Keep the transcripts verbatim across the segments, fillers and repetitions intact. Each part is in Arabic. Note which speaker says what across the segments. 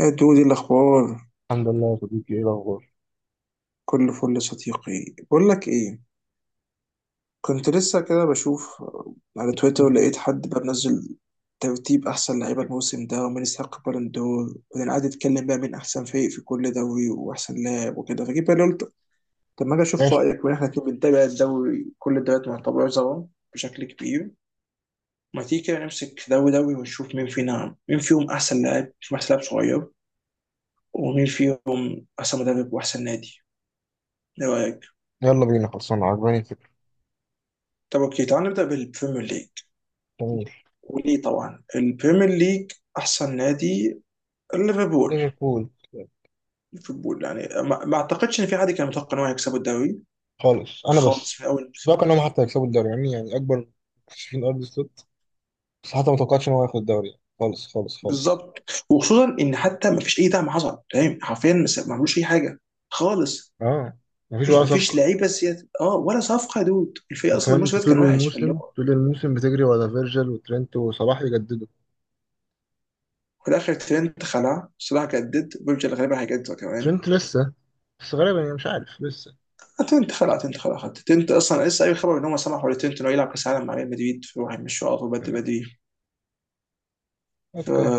Speaker 1: يا دودي الأخبار.
Speaker 2: الحمد لله يا صديقي، ايه الاخبار؟
Speaker 1: كل فل صديقي. بقول لك إيه، كنت لسه كده بشوف على تويتر، لقيت حد بقى منزل ترتيب أحسن لعيبة الموسم ده ومين يستحق بالون دور، وبعدين قعد يتكلم بقى مين أحسن فريق في كل دوري وأحسن لاعب وكده. فجيت بقى قلت طب ما أجي أشوف
Speaker 2: ماشي.
Speaker 1: رأيك، وإحنا الاتنين بنتابع الدوري، كل الدوريات معتبرة سوا بشكل كبير. ما تيجي كده نمسك دوري دوري ونشوف مين فينا، مين فيهم أحسن لاعب، مين فيهم أحسن لاعب صغير، ومين فيهم أحسن مدرب وأحسن نادي. إيه رأيك؟
Speaker 2: يلا بينا، خلصنا، عجباني الفكره.
Speaker 1: طب اوكي، تعال نبدا بالبريمير ليج.
Speaker 2: جميل.
Speaker 1: وليه طبعا البريمير ليج؟ احسن نادي ليفربول.
Speaker 2: ليفربول.
Speaker 1: ليفربول يعني ما, ما اعتقدش ان في حد كان متوقع ان هو يكسبوا الدوري
Speaker 2: خالص. انا بس
Speaker 1: خالص من اول
Speaker 2: مش
Speaker 1: الموسم.
Speaker 2: متوقع انهم حتى يكسبوا الدوري، يعني يعني اكبر مكتشفين ارض السلوت. بس حتى ما توقعتش ان هو ياخد الدوري يعني. خالص خالص خالص.
Speaker 1: بالظبط، وخصوصا ان حتى ما فيش اي دعم حصل، فاهم، حرفيا ما س- ما عملوش اي حاجه خالص.
Speaker 2: اه، مفيش
Speaker 1: مفيش
Speaker 2: ولا
Speaker 1: مفيش
Speaker 2: صفقه.
Speaker 1: لعيبه سياسة، اه ولا صفقه، يا دود. الفريق اصلا
Speaker 2: كمان
Speaker 1: الموسم
Speaker 2: انت
Speaker 1: ده
Speaker 2: طول
Speaker 1: كان وحش، فاللي
Speaker 2: الموسم
Speaker 1: هو
Speaker 2: طول الموسم بتجري ورا فيرجل وترينت وصلاح يجددوا.
Speaker 1: في الاخر ترينت خلع، صلاح جدد، بيرجر غالبا هيجدد كمان.
Speaker 2: ترينت لسه، بس غالبا، يعني مش عارف لسه.
Speaker 1: تنت خلع تنت خلع خدت تنت اصلا لسه اي خبر ان هم سمحوا لتنت انه يلعب كاس العالم مع ريال مدريد، فراح يمشوا على طول بدري
Speaker 2: آه،
Speaker 1: بدري. ف
Speaker 2: اوكي.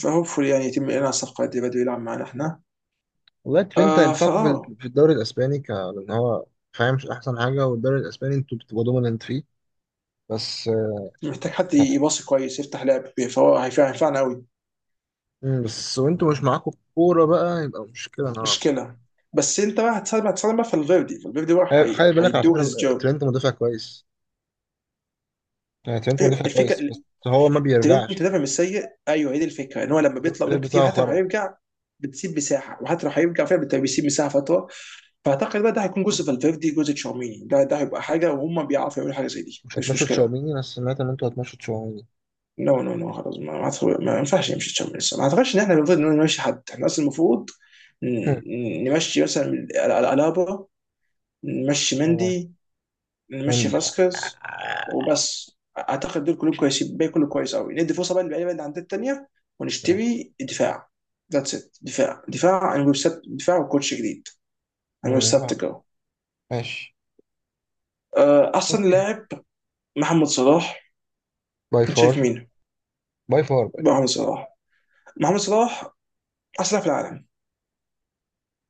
Speaker 1: فهوبفully يعني يتم اعلان الصفقه دي بدري، يلعب معانا احنا.
Speaker 2: والله ترينت
Speaker 1: آه
Speaker 2: هينفعكوا
Speaker 1: فاه،
Speaker 2: في في الدوري الاسباني ك... لان هو فاهم، مش احسن حاجه؟ والدوري الاسباني انتوا بتبقوا دوميننت فيه. بس آه،
Speaker 1: محتاج حد يباصي كويس يفتح لعب، فهو هيفع- هينفعنا قوي.
Speaker 2: مم، بس وانتوا مش معاكوا كورة بقى، يبقى مشكلة نوعا ما.
Speaker 1: مشكله، بس انت بقى هتساعد هتساعد بقى في الفيردي الفيردي بقى،
Speaker 2: آه،
Speaker 1: هي-
Speaker 2: خلي بالك على
Speaker 1: هيدو
Speaker 2: فكرة،
Speaker 1: هيز
Speaker 2: آه،
Speaker 1: جوب.
Speaker 2: ترينت مدافع كويس. آه، ترينت
Speaker 1: أيوة،
Speaker 2: مدافع كويس،
Speaker 1: الفكره.
Speaker 2: بس هو ما
Speaker 1: ترينت
Speaker 2: بيرجعش.
Speaker 1: دافع مش سيء، ايوه هي دي الفكره، ان هو لما بيطلع
Speaker 2: الورك ريت
Speaker 1: قدام كتير
Speaker 2: بتاعه
Speaker 1: حتى لو
Speaker 2: خرا.
Speaker 1: هيرجع بتسيب مساحه. وحتى لو هيرجع فعلا بت- بيسيب مساحه فتره. فاعتقد بقى ده هيكون جزء فالفيردي، جزء تشاوميني، ده ده هيبقى حاجه. وهم بيعرفوا يعملوا حاجه زي دي،
Speaker 2: مش
Speaker 1: مش
Speaker 2: هتمشوا
Speaker 1: مشكله.
Speaker 2: تشاوميني؟ انا سمعت ان انتوا هتمشوا تشاوميني.
Speaker 1: نو نو نو خلاص، ما ما, أعتقد- ما ينفعش يمشي تشاوميني لسه. ما اعتقدش ان احنا المفروض إن نمشي حد. احنا اصلا المفروض
Speaker 2: هم.
Speaker 1: ن- نمشي مثلا ال- ال- الابا، نمشي
Speaker 2: اه،
Speaker 1: مندي، نمشي
Speaker 2: مندي.
Speaker 1: فاسكيز وبس. اعتقد دول كلهم كويسين، الباقي كله كويس قوي. ندي فرصه بقى للعيبه اللي عندنا التانيه،
Speaker 2: آه،
Speaker 1: ونشتري دفاع. ذاتس ات. دفاع، دفاع عن ويب سيت، دفاع وكوتش جديد عن ويب
Speaker 2: آه، آه،
Speaker 1: سيت جو.
Speaker 2: ماشي.
Speaker 1: آه، احسن
Speaker 2: اوكي،
Speaker 1: لاعب محمد صلاح.
Speaker 2: باي
Speaker 1: انت
Speaker 2: فار.
Speaker 1: شايف مين؟
Speaker 2: باي فار باي
Speaker 1: محمد صلاح. محمد صلاح احسن لاعب في العالم،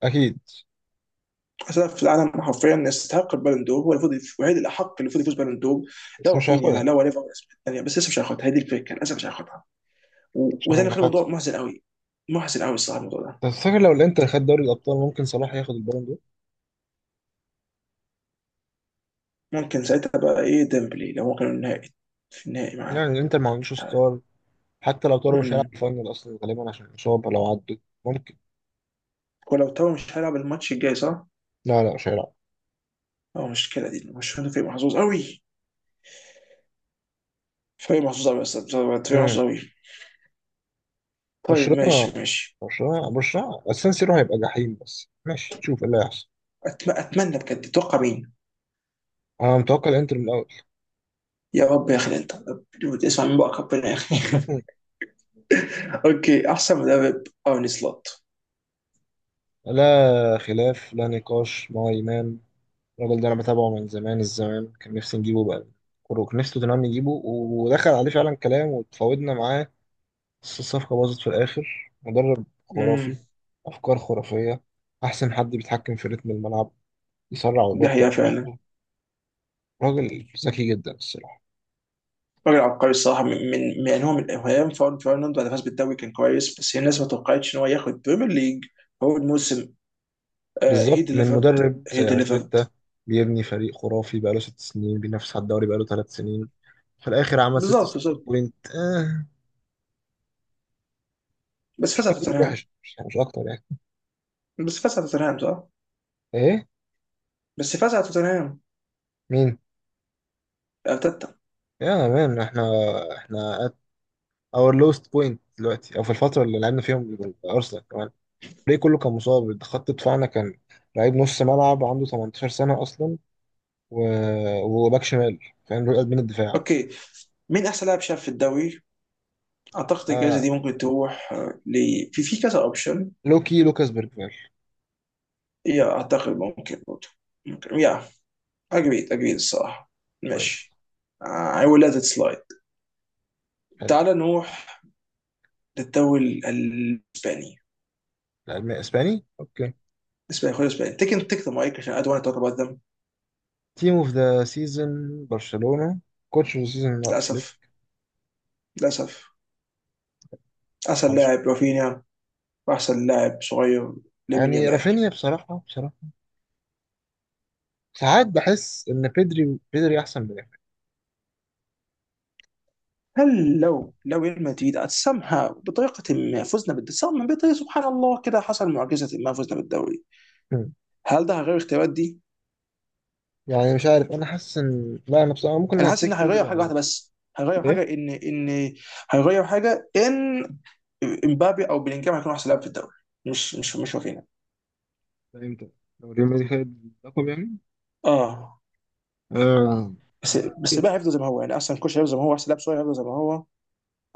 Speaker 2: اكيد،
Speaker 1: احسن لاعب في العالم حرفيا، يستحق البالون دور. هو المفروض الوحيد الاحق اللي المفروض يفوز بالون دور. لا
Speaker 2: بس مش
Speaker 1: رافينيا
Speaker 2: هياخدها.
Speaker 1: لا ليفا يعني، بس لسه مش هياخدها، هي دي الفكره، للاسف مش هياخدها. و- وده
Speaker 2: عشان
Speaker 1: اللي
Speaker 2: ما
Speaker 1: خلى
Speaker 2: خدش.
Speaker 1: الموضوع محزن قوي، محزن قوي الصراحه الموضوع ده.
Speaker 2: بس فاكر لو الانتر خد دوري الابطال، ممكن صلاح ياخد البالون دور.
Speaker 1: ممكن ساعتها بقى ايه ديمبلي، لو هو كان النهائي في النهائي معاه.
Speaker 2: يعني الانتر ما عندوش ستار، حتى لو طاروا مش هيلعب
Speaker 1: امم
Speaker 2: الفاينل اصلا غالبا عشان الاصابه. لو عدوا ممكن.
Speaker 1: ولو تاو مش هيلعب الماتش الجاي صح؟
Speaker 2: لا لا، مش هيلعب.
Speaker 1: اه، مشكله دي. مش هو فريق محظوظ قوي، فريق محظوظ قوي، بس فريق
Speaker 2: امم
Speaker 1: محظوظ قوي. طيب
Speaker 2: برشلونه.
Speaker 1: ماشي ماشي.
Speaker 2: برشلونه برشلونه السان سيرو هيبقى جحيم، بس ماشي، تشوف ايه اللي هيحصل.
Speaker 1: أتم... اتمنى بجد. تتوقع مين؟
Speaker 2: انا متوقع الانتر من الاول.
Speaker 1: يا رب يا اخي انت، اسمع من بقى ربنا يا اخي.
Speaker 2: مم.
Speaker 1: اوكي، احسن مدرب ارني سلوت.
Speaker 2: لا خلاف لا نقاش مع امام. الراجل ده انا بتابعه من زمان. الزمان كان نفسي نجيبه بقى كروك، نفسي توتنهام نجيبه، ودخل عليه فعلا كلام وتفاوضنا معاه بس الصفقه باظت في الاخر. مدرب
Speaker 1: امم،
Speaker 2: خرافي، افكار خرافيه. احسن حد بيتحكم في رتم الملعب، يسرع
Speaker 1: ده
Speaker 2: ويبطئ
Speaker 1: هي فعلا.
Speaker 2: براحته. راجل ذكي جدا الصراحة.
Speaker 1: راجل عبقري الصراحه. من من يعني هو من ايام فاون فيرناند، بعد فاز بالدوري كان كويس، بس هي الناس ما توقعتش ان هو ياخد بريمير ليج اول موسم. هي
Speaker 2: بالظبط، من
Speaker 1: ديليفرد،
Speaker 2: مدرب
Speaker 1: هي
Speaker 2: زي
Speaker 1: ديليفرد.
Speaker 2: أرتيتا بيبني فريق خرافي بقاله ست سنين، بينافس على الدوري بقاله ثلاث سنين، في الآخر عمل
Speaker 1: بالظبط
Speaker 2: ستة وستين
Speaker 1: بالظبط،
Speaker 2: بوينت. آه،
Speaker 1: بس فاز على
Speaker 2: راجل
Speaker 1: توتنهام.
Speaker 2: وحش، مش, مش أكتر يعني.
Speaker 1: بس فاز على توتنهام صح،
Speaker 2: إيه؟
Speaker 1: بس فاز على توتنهام.
Speaker 2: مين؟
Speaker 1: ارتيتا.
Speaker 2: يا مان، إحنا إحنا at our lowest point دلوقتي، أو في الفترة اللي لعبنا فيهم أرسنال كمان. الفريق كله كان مصاب، خط دفاعنا كان لعيب، نص ملعب عنده تمنتاشر سنة أصلا، و... وباك شمال، فاهم؟ رؤية قلب من الدفاع.
Speaker 1: اوكي، مين احسن لاعب شاب في الدوري؟ اعتقد الجائزه
Speaker 2: آه،
Speaker 1: دي ممكن تروح آه، ل في في كذا اوبشن.
Speaker 2: لوكي لوكاس بيرجفال.
Speaker 1: يا اعتقد ممكن برضه، ممكن يا. اجريد اجريد الصراحه.
Speaker 2: كويس.
Speaker 1: ماشي. آه، I
Speaker 2: كويس،
Speaker 1: will let it slide.
Speaker 2: حلو.
Speaker 1: تعال نروح للدوري ال- الاسباني.
Speaker 2: الألماني اسباني، اوكي.
Speaker 1: اسباني خد اسباني، تيك تيك ذا مايك، عشان I don't want to talk about them.
Speaker 2: تيم اوف ذا سيزون برشلونة. كوتش اوف ذا سيزون فليك.
Speaker 1: للاسف، للاسف. احسن
Speaker 2: معلش.
Speaker 1: لاعب رافينيا، واحسن لاعب صغير لامين
Speaker 2: يعني
Speaker 1: يامال.
Speaker 2: رافينيا، بصراحة بصراحة ساعات بحس ان بيدري بيدري احسن من رافينيا.
Speaker 1: هل لو لو ريال مدريد somehow بطريقة ما فزنا بالدوري، بطريقة سبحان الله كده حصل معجزة ما فزنا بالدوري،
Speaker 2: مم.
Speaker 1: هل ده غير اختيارات دي؟
Speaker 2: يعني مش عارف، انا حاسس ان لا، انا بصراحة ممكن
Speaker 1: انا حاسس ان
Speaker 2: هتيك
Speaker 1: هيغير
Speaker 2: بيدري على
Speaker 1: حاجه
Speaker 2: رافينيا.
Speaker 1: واحده بس. هيغير حاجه
Speaker 2: ايه.
Speaker 1: ان، ان هيغير حاجه ان امبابي او بلينجهام هيكون احسن لاعب في الدوري. مش مش مش واخدينها.
Speaker 2: ده امتى؟ لو ريال مدريد خد اللقب يعني؟
Speaker 1: اه،
Speaker 2: آه.
Speaker 1: بس
Speaker 2: انت
Speaker 1: بس بقى
Speaker 2: إيه؟
Speaker 1: هيفضل زي ما هو يعني. احسن كوش هيفضل زي ما هو، احسن لاعب صغير هيفضل زي ما هو،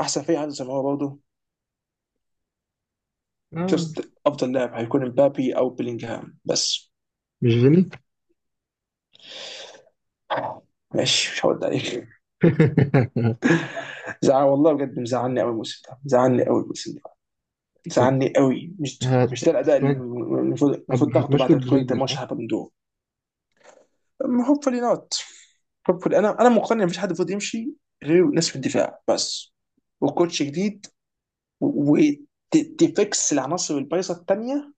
Speaker 1: احسن فريق هيفضل زي ما هو برضه.
Speaker 2: آه.
Speaker 1: جاست افضل لاعب هيكون امبابي او بلينجهام بس.
Speaker 2: مش فيني؟
Speaker 1: ماشي، مش هرد عليك. زعل والله بجد، مزعلني قوي الموسم ده، مزعلني قوي الموسم ده،
Speaker 2: طب،
Speaker 1: مزعلني قوي. مش
Speaker 2: هت-
Speaker 1: مش ده الاداء اللي
Speaker 2: هت-
Speaker 1: المفروض، المفروض تاخده بعد
Speaker 2: هتمشوا
Speaker 1: ما تكون انت
Speaker 2: رودريجو صح؟
Speaker 1: ماشي هبندور. hopefully not. hopefully انا انا مقتنع مفيش حد المفروض يمشي غير ناس في الدفاع بس، وكوتش جديد، وتفكس العناصر البايظه الثانيه،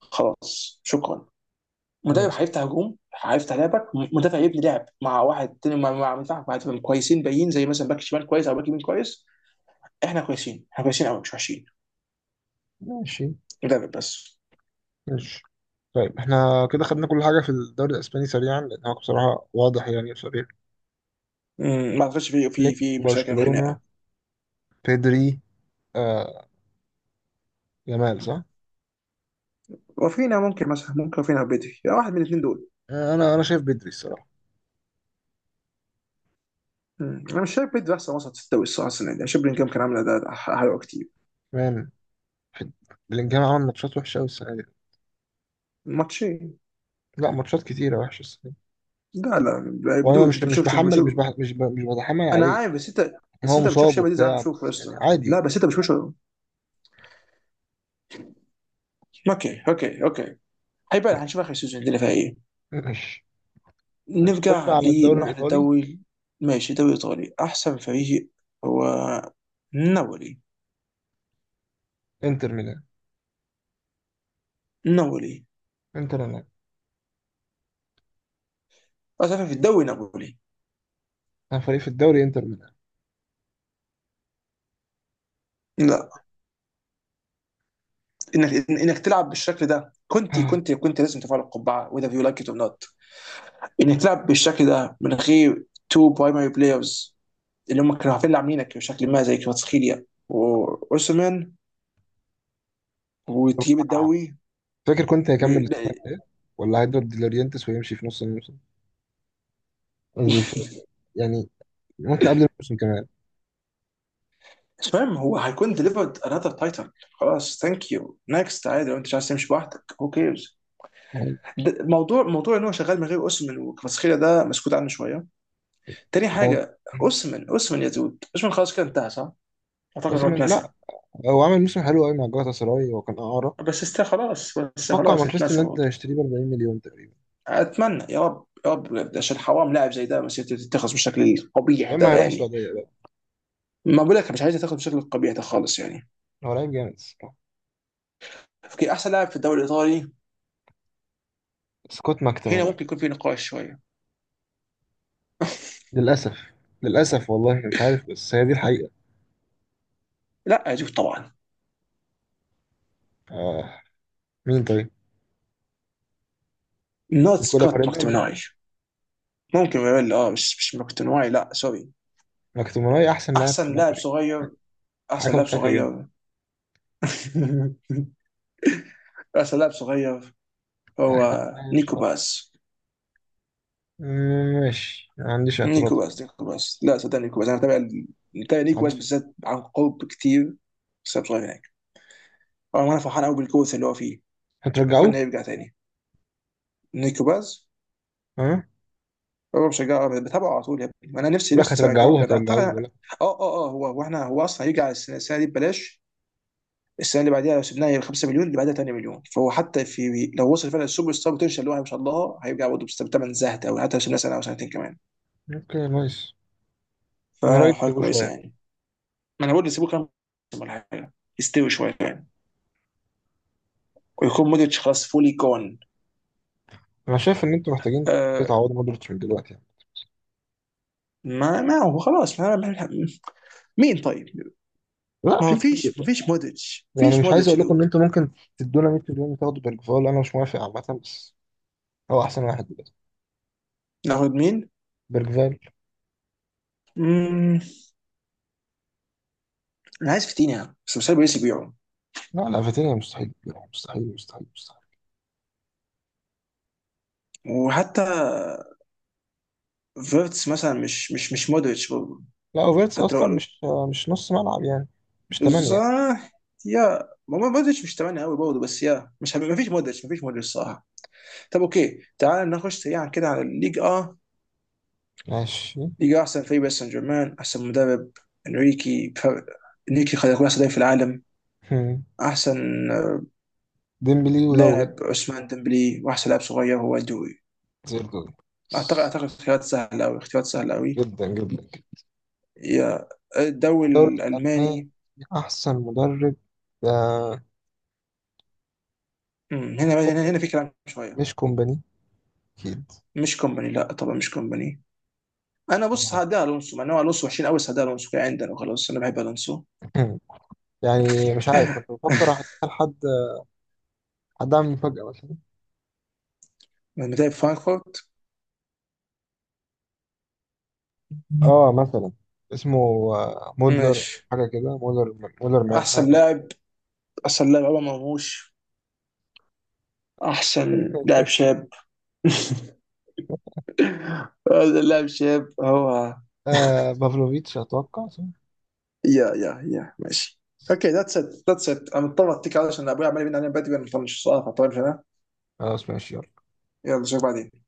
Speaker 1: خلاص شكرا. مدرب
Speaker 2: نايس.
Speaker 1: هيفتح هجوم، هيفتح لعبك. مدافع يبني لعب مع واحد تاني، مع مع مدافع، مع دفاع كويسين باين، زي مثلا باك شمال كويس او باك يمين كويس. احنا كويسين، احنا كويسين قوي مش وحشين.
Speaker 2: ماشي
Speaker 1: مدرب بس.
Speaker 2: ماشي. طيب احنا كده خدنا كل حاجة في الدوري الأسباني سريعا، لأن هو بصراحة واضح يعني. فريق
Speaker 1: مم، ما اعتقدش في في
Speaker 2: فليك،
Speaker 1: في مشاكل
Speaker 2: برشلونة،
Speaker 1: وخناقه.
Speaker 2: بيدري. آه، جمال صح؟
Speaker 1: وفينا ممكن مثلا، ممكن وفينا بدري، يعني واحد من الاثنين دول.
Speaker 2: آه، أنا أنا شايف بيدري الصراحة.
Speaker 1: مم. انا مش شايف بيدري احسن وسط في الدوري الصراحه السنه دي، أنا شايف بلينجهام كان عامل اداء ح- حلو كتير.
Speaker 2: كمان بلينجهام عمل ماتشات وحشة أوي السنة دي.
Speaker 1: ماتشين.
Speaker 2: لا، ماتشات كتيرة وحشة السنة دي.
Speaker 1: لا لا. بدون
Speaker 2: وأنا مش
Speaker 1: انت
Speaker 2: مش
Speaker 1: بتشوفش
Speaker 2: بحمل مش
Speaker 1: بشوف،
Speaker 2: بح مش ب مش بتحمل
Speaker 1: انا
Speaker 2: عليه.
Speaker 1: عارف بس انت.
Speaker 2: يعني
Speaker 1: بس
Speaker 2: هو
Speaker 1: انت بتشوف
Speaker 2: مصاب
Speaker 1: شبه دي زي ما أنا
Speaker 2: وبتاع
Speaker 1: بشوف، يا
Speaker 2: بس يعني
Speaker 1: اسطى لا
Speaker 2: عادي.
Speaker 1: بس انت بتشوفش. اوكي اوكي اوكي. هيبقى
Speaker 2: طيب،
Speaker 1: هنشوف اخر سيزون الدنيا فيها ايه.
Speaker 2: ماشي. طيب خش
Speaker 1: نرجع
Speaker 2: على الدوري
Speaker 1: لنروح
Speaker 2: الإيطالي.
Speaker 1: للدوري. ماشي، دوري ايطالي. احسن فريق هو نابولي.
Speaker 2: إنتر ميلان.
Speaker 1: نابولي.
Speaker 2: إنتر ميلان.
Speaker 1: اسف في الدوري نابولي.
Speaker 2: أنا فريق في الدوري إنتر ميلان.
Speaker 1: لا. انك انك تلعب بالشكل ده، كنت كنت كنت لازم تفعل القبعه، وذا يو لايك ات اور نوت. انك تلعب بالشكل ده من غير تو برايمري بلايرز اللي هم كانوا عارفين لعاملينك بشكل ما، زي كفاتسخيليا واوسمان، وتجيب الدوري.
Speaker 2: فاكر كنت
Speaker 1: و-
Speaker 2: هيكمل
Speaker 1: لا،
Speaker 2: السنة الجاية، ولا هيدور ديلورينتس ويمشي في نص الموسم؟ قصدي في- يعني ممكن قبل الموسم كمان.
Speaker 1: مش مهم، هو هيكون ديليفرد انذر تايتل. خلاص ثانك يو نكست. عادي لو انت مش عايز تمشي لوحدك هو كيرز.
Speaker 2: يعني
Speaker 1: موضوع موضوع ان هو شغال من غير اوسمان وكفاتسخيليا ده مسكوت عنه شويه. تاني
Speaker 2: هو.
Speaker 1: حاجه، اوسمان، اوسمان يا دود، اوسمان خلاص كده انتهى صح؟ اعتقد هو
Speaker 2: أوسيمين،
Speaker 1: اتنسى.
Speaker 2: لا. هو عمل موسم حلو قوي مع جالاتا سراي، وكان إعارة.
Speaker 1: بس است خلاص، بس
Speaker 2: أتوقع
Speaker 1: خلاص
Speaker 2: مانشستر
Speaker 1: اتنسى
Speaker 2: يونايتد
Speaker 1: برضه.
Speaker 2: هيشتريه ب أربعين مليون تقريبا،
Speaker 1: اتمنى يا رب يا رب بجد، عشان حرام لاعب زي ده مسيرته تتخذ بالشكل القبيح
Speaker 2: يا إما
Speaker 1: ده
Speaker 2: هيروح
Speaker 1: يعني.
Speaker 2: السعودية بقى.
Speaker 1: ما بقول لك مش عايز تاخد بالشكل القبيح ده خالص يعني.
Speaker 2: هو لعيب جامد الصراحة.
Speaker 1: اوكي، احسن لاعب في الدوري الايطالي.
Speaker 2: سكوت
Speaker 1: هنا
Speaker 2: ماكتوماناي.
Speaker 1: ممكن يكون في نقاش شويه.
Speaker 2: للأسف. للأسف والله، مش عارف، بس هي دي الحقيقة.
Speaker 1: لا يا جوف طبعا.
Speaker 2: آه. مين طيب؟
Speaker 1: نوت
Speaker 2: نيكولا
Speaker 1: سكوت
Speaker 2: باريلا
Speaker 1: ماكتوميناي.
Speaker 2: ممكن.
Speaker 1: ممكن يقول اه، مش مش ماكتوميناي لا سوري.
Speaker 2: ماكتوماناي أحسن لاعب في
Speaker 1: احسن لاعب
Speaker 2: نابولي.
Speaker 1: صغير، احسن
Speaker 2: حاجة
Speaker 1: لاعب
Speaker 2: مضحكة جدا.
Speaker 1: صغير. احسن لاعب صغير
Speaker 2: أحسن
Speaker 1: هو
Speaker 2: لاعب
Speaker 1: نيكو
Speaker 2: شباب.
Speaker 1: باس.
Speaker 2: مم، ماشي، ما عنديش اعتراض
Speaker 1: نيكو باس.
Speaker 2: خالص.
Speaker 1: نيكو باس لا صدق، نيكو باس انا بتابع بتابع
Speaker 2: ما
Speaker 1: نيكو باس
Speaker 2: عنديش.
Speaker 1: بالذات عن قرب كتير بسبب صغير يعني. اه، وانا فرحان قوي بالكوس اللي هو فيه. اتمنى
Speaker 2: هترجعوه؟
Speaker 1: يرجع تاني. نيكو باز.
Speaker 2: ها، أه؟
Speaker 1: هو بشجعه أبداً، بتابعه على طول يا ابني. انا نفسي،
Speaker 2: بقول لك،
Speaker 1: نفسي ارجعه
Speaker 2: هترجعوه
Speaker 1: بجد
Speaker 2: هترجعوه
Speaker 1: اعتقد. اه
Speaker 2: ولا؟
Speaker 1: اه اه، هو هو احنا، هو اصلا هيرجع السنه، السنة دي ببلاش. السنه اللي بعديها لو سيبناها ب 5 مليون، اللي بعدها 8 مليون. فهو حتى في لو وصل فعلا السوبر ستار بوتنشال اللي هو ما شاء الله، هيرجع برضه بثمن زهد قوي حتى لو سيبناه سنه او سنتين كمان.
Speaker 2: اوكي، نايس. انا رايي
Speaker 1: فحاجه
Speaker 2: تسيبوه
Speaker 1: كويسه
Speaker 2: شويه.
Speaker 1: يعني. ما انا بقول سيبوه كام موسم ولا حاجه، يستوي شويه يعني. ويكون مودريتش خلاص فولي جون.
Speaker 2: انا شايف ان انتوا محتاجين
Speaker 1: آه
Speaker 2: تعوضوا مودريتش من دلوقتي يعني.
Speaker 1: ما ما هو خلاص ما ما- مين طيب.
Speaker 2: لا،
Speaker 1: ما هو
Speaker 2: في كتير
Speaker 1: فيش، ما
Speaker 2: يعني.
Speaker 1: فيش مودريتش،
Speaker 2: يعني
Speaker 1: فيش
Speaker 2: مش عايز
Speaker 1: مودريتش يا
Speaker 2: اقول لكم ان
Speaker 1: دود.
Speaker 2: انتوا ممكن تدونا مية مليون وتاخدوا بيرجفال، انا مش موافق عامه، بس هو احسن واحد دلوقتي.
Speaker 1: ناخد مين؟
Speaker 2: بيرجفال.
Speaker 1: مم، انا عايز فيتينيا بس مش عارف باريس يبيعه.
Speaker 2: لا لا، فيتينيا مستحيل. مستحيل مستحيل مستحيل.
Speaker 1: وحتى فيرتس مثلا، مش مش مش مودريتش برضه،
Speaker 2: لا، اوفيرتس
Speaker 1: حتى لو
Speaker 2: اصلا
Speaker 1: قالوا.
Speaker 2: مش، مش نص ملعب يعني، مش ثمانية.
Speaker 1: بالظبط. يا ما هو مودريتش مش تمانية قوي برضه بس، يا مش، ما فيش مودريتش ما فيش مودريتش صراحه. طب اوكي، تعال نخش سريعا كده على الليج اه.
Speaker 2: ماشي.
Speaker 1: ليج، آه، احسن فريق باريس سان جيرمان. احسن مدرب انريكي بفرق. انريكي خلق يكون احسن لاعب في العالم. احسن آه،
Speaker 2: ديمبلي ودوي،
Speaker 1: لاعب عثمان ديمبلي، واحسن لاعب صغير هو دوي.
Speaker 2: زي الدول.
Speaker 1: اعتقد اعتقد اختيارات سهله قوي، اختيارات سهله قوي.
Speaker 2: جدا جدا.
Speaker 1: يا، الدوري
Speaker 2: الدوري الألماني.
Speaker 1: الالماني.
Speaker 2: أحسن مدرب، آه،
Speaker 1: أمم، هنا هنا
Speaker 2: كوبر،
Speaker 1: هنا في كلام شويه.
Speaker 2: مش كومباني؟ أكيد.
Speaker 1: مش كومباني، لا طبعا مش كومباني. انا بص
Speaker 2: يعني
Speaker 1: هدي الونسو، مع ان هو الونسو وحشين قوي، بس هدي الونسو كده عندنا وخلاص، انا بحب الونسو.
Speaker 2: يعني مش عارف، كنت بفكر أحط لحد، حد أعمل مفاجأة مثلا.
Speaker 1: لما تلعب فرانكفورت.
Speaker 2: آه، مثلا اسمه، آه، مودلر،
Speaker 1: ماشي،
Speaker 2: حاجة كده، مودلر، مودلر مان، حاجة
Speaker 1: احسن
Speaker 2: كده.
Speaker 1: لاعب. احسن لاعب عمر مرموش. احسن لاعب شاب. هذا لاعب شاب هو.
Speaker 2: آه، بافلوفيتش أتوقع صح؟
Speaker 1: يا يا يا ماشي. اوكي ذاتس ات. ذاتس ات. انا مضطر اتكل علشان ابوي عمال يبين علينا بدري، انا مطنش السؤال فطول.
Speaker 2: خلاص ماشي، يلا.
Speaker 1: يلا اشوفك بعدين.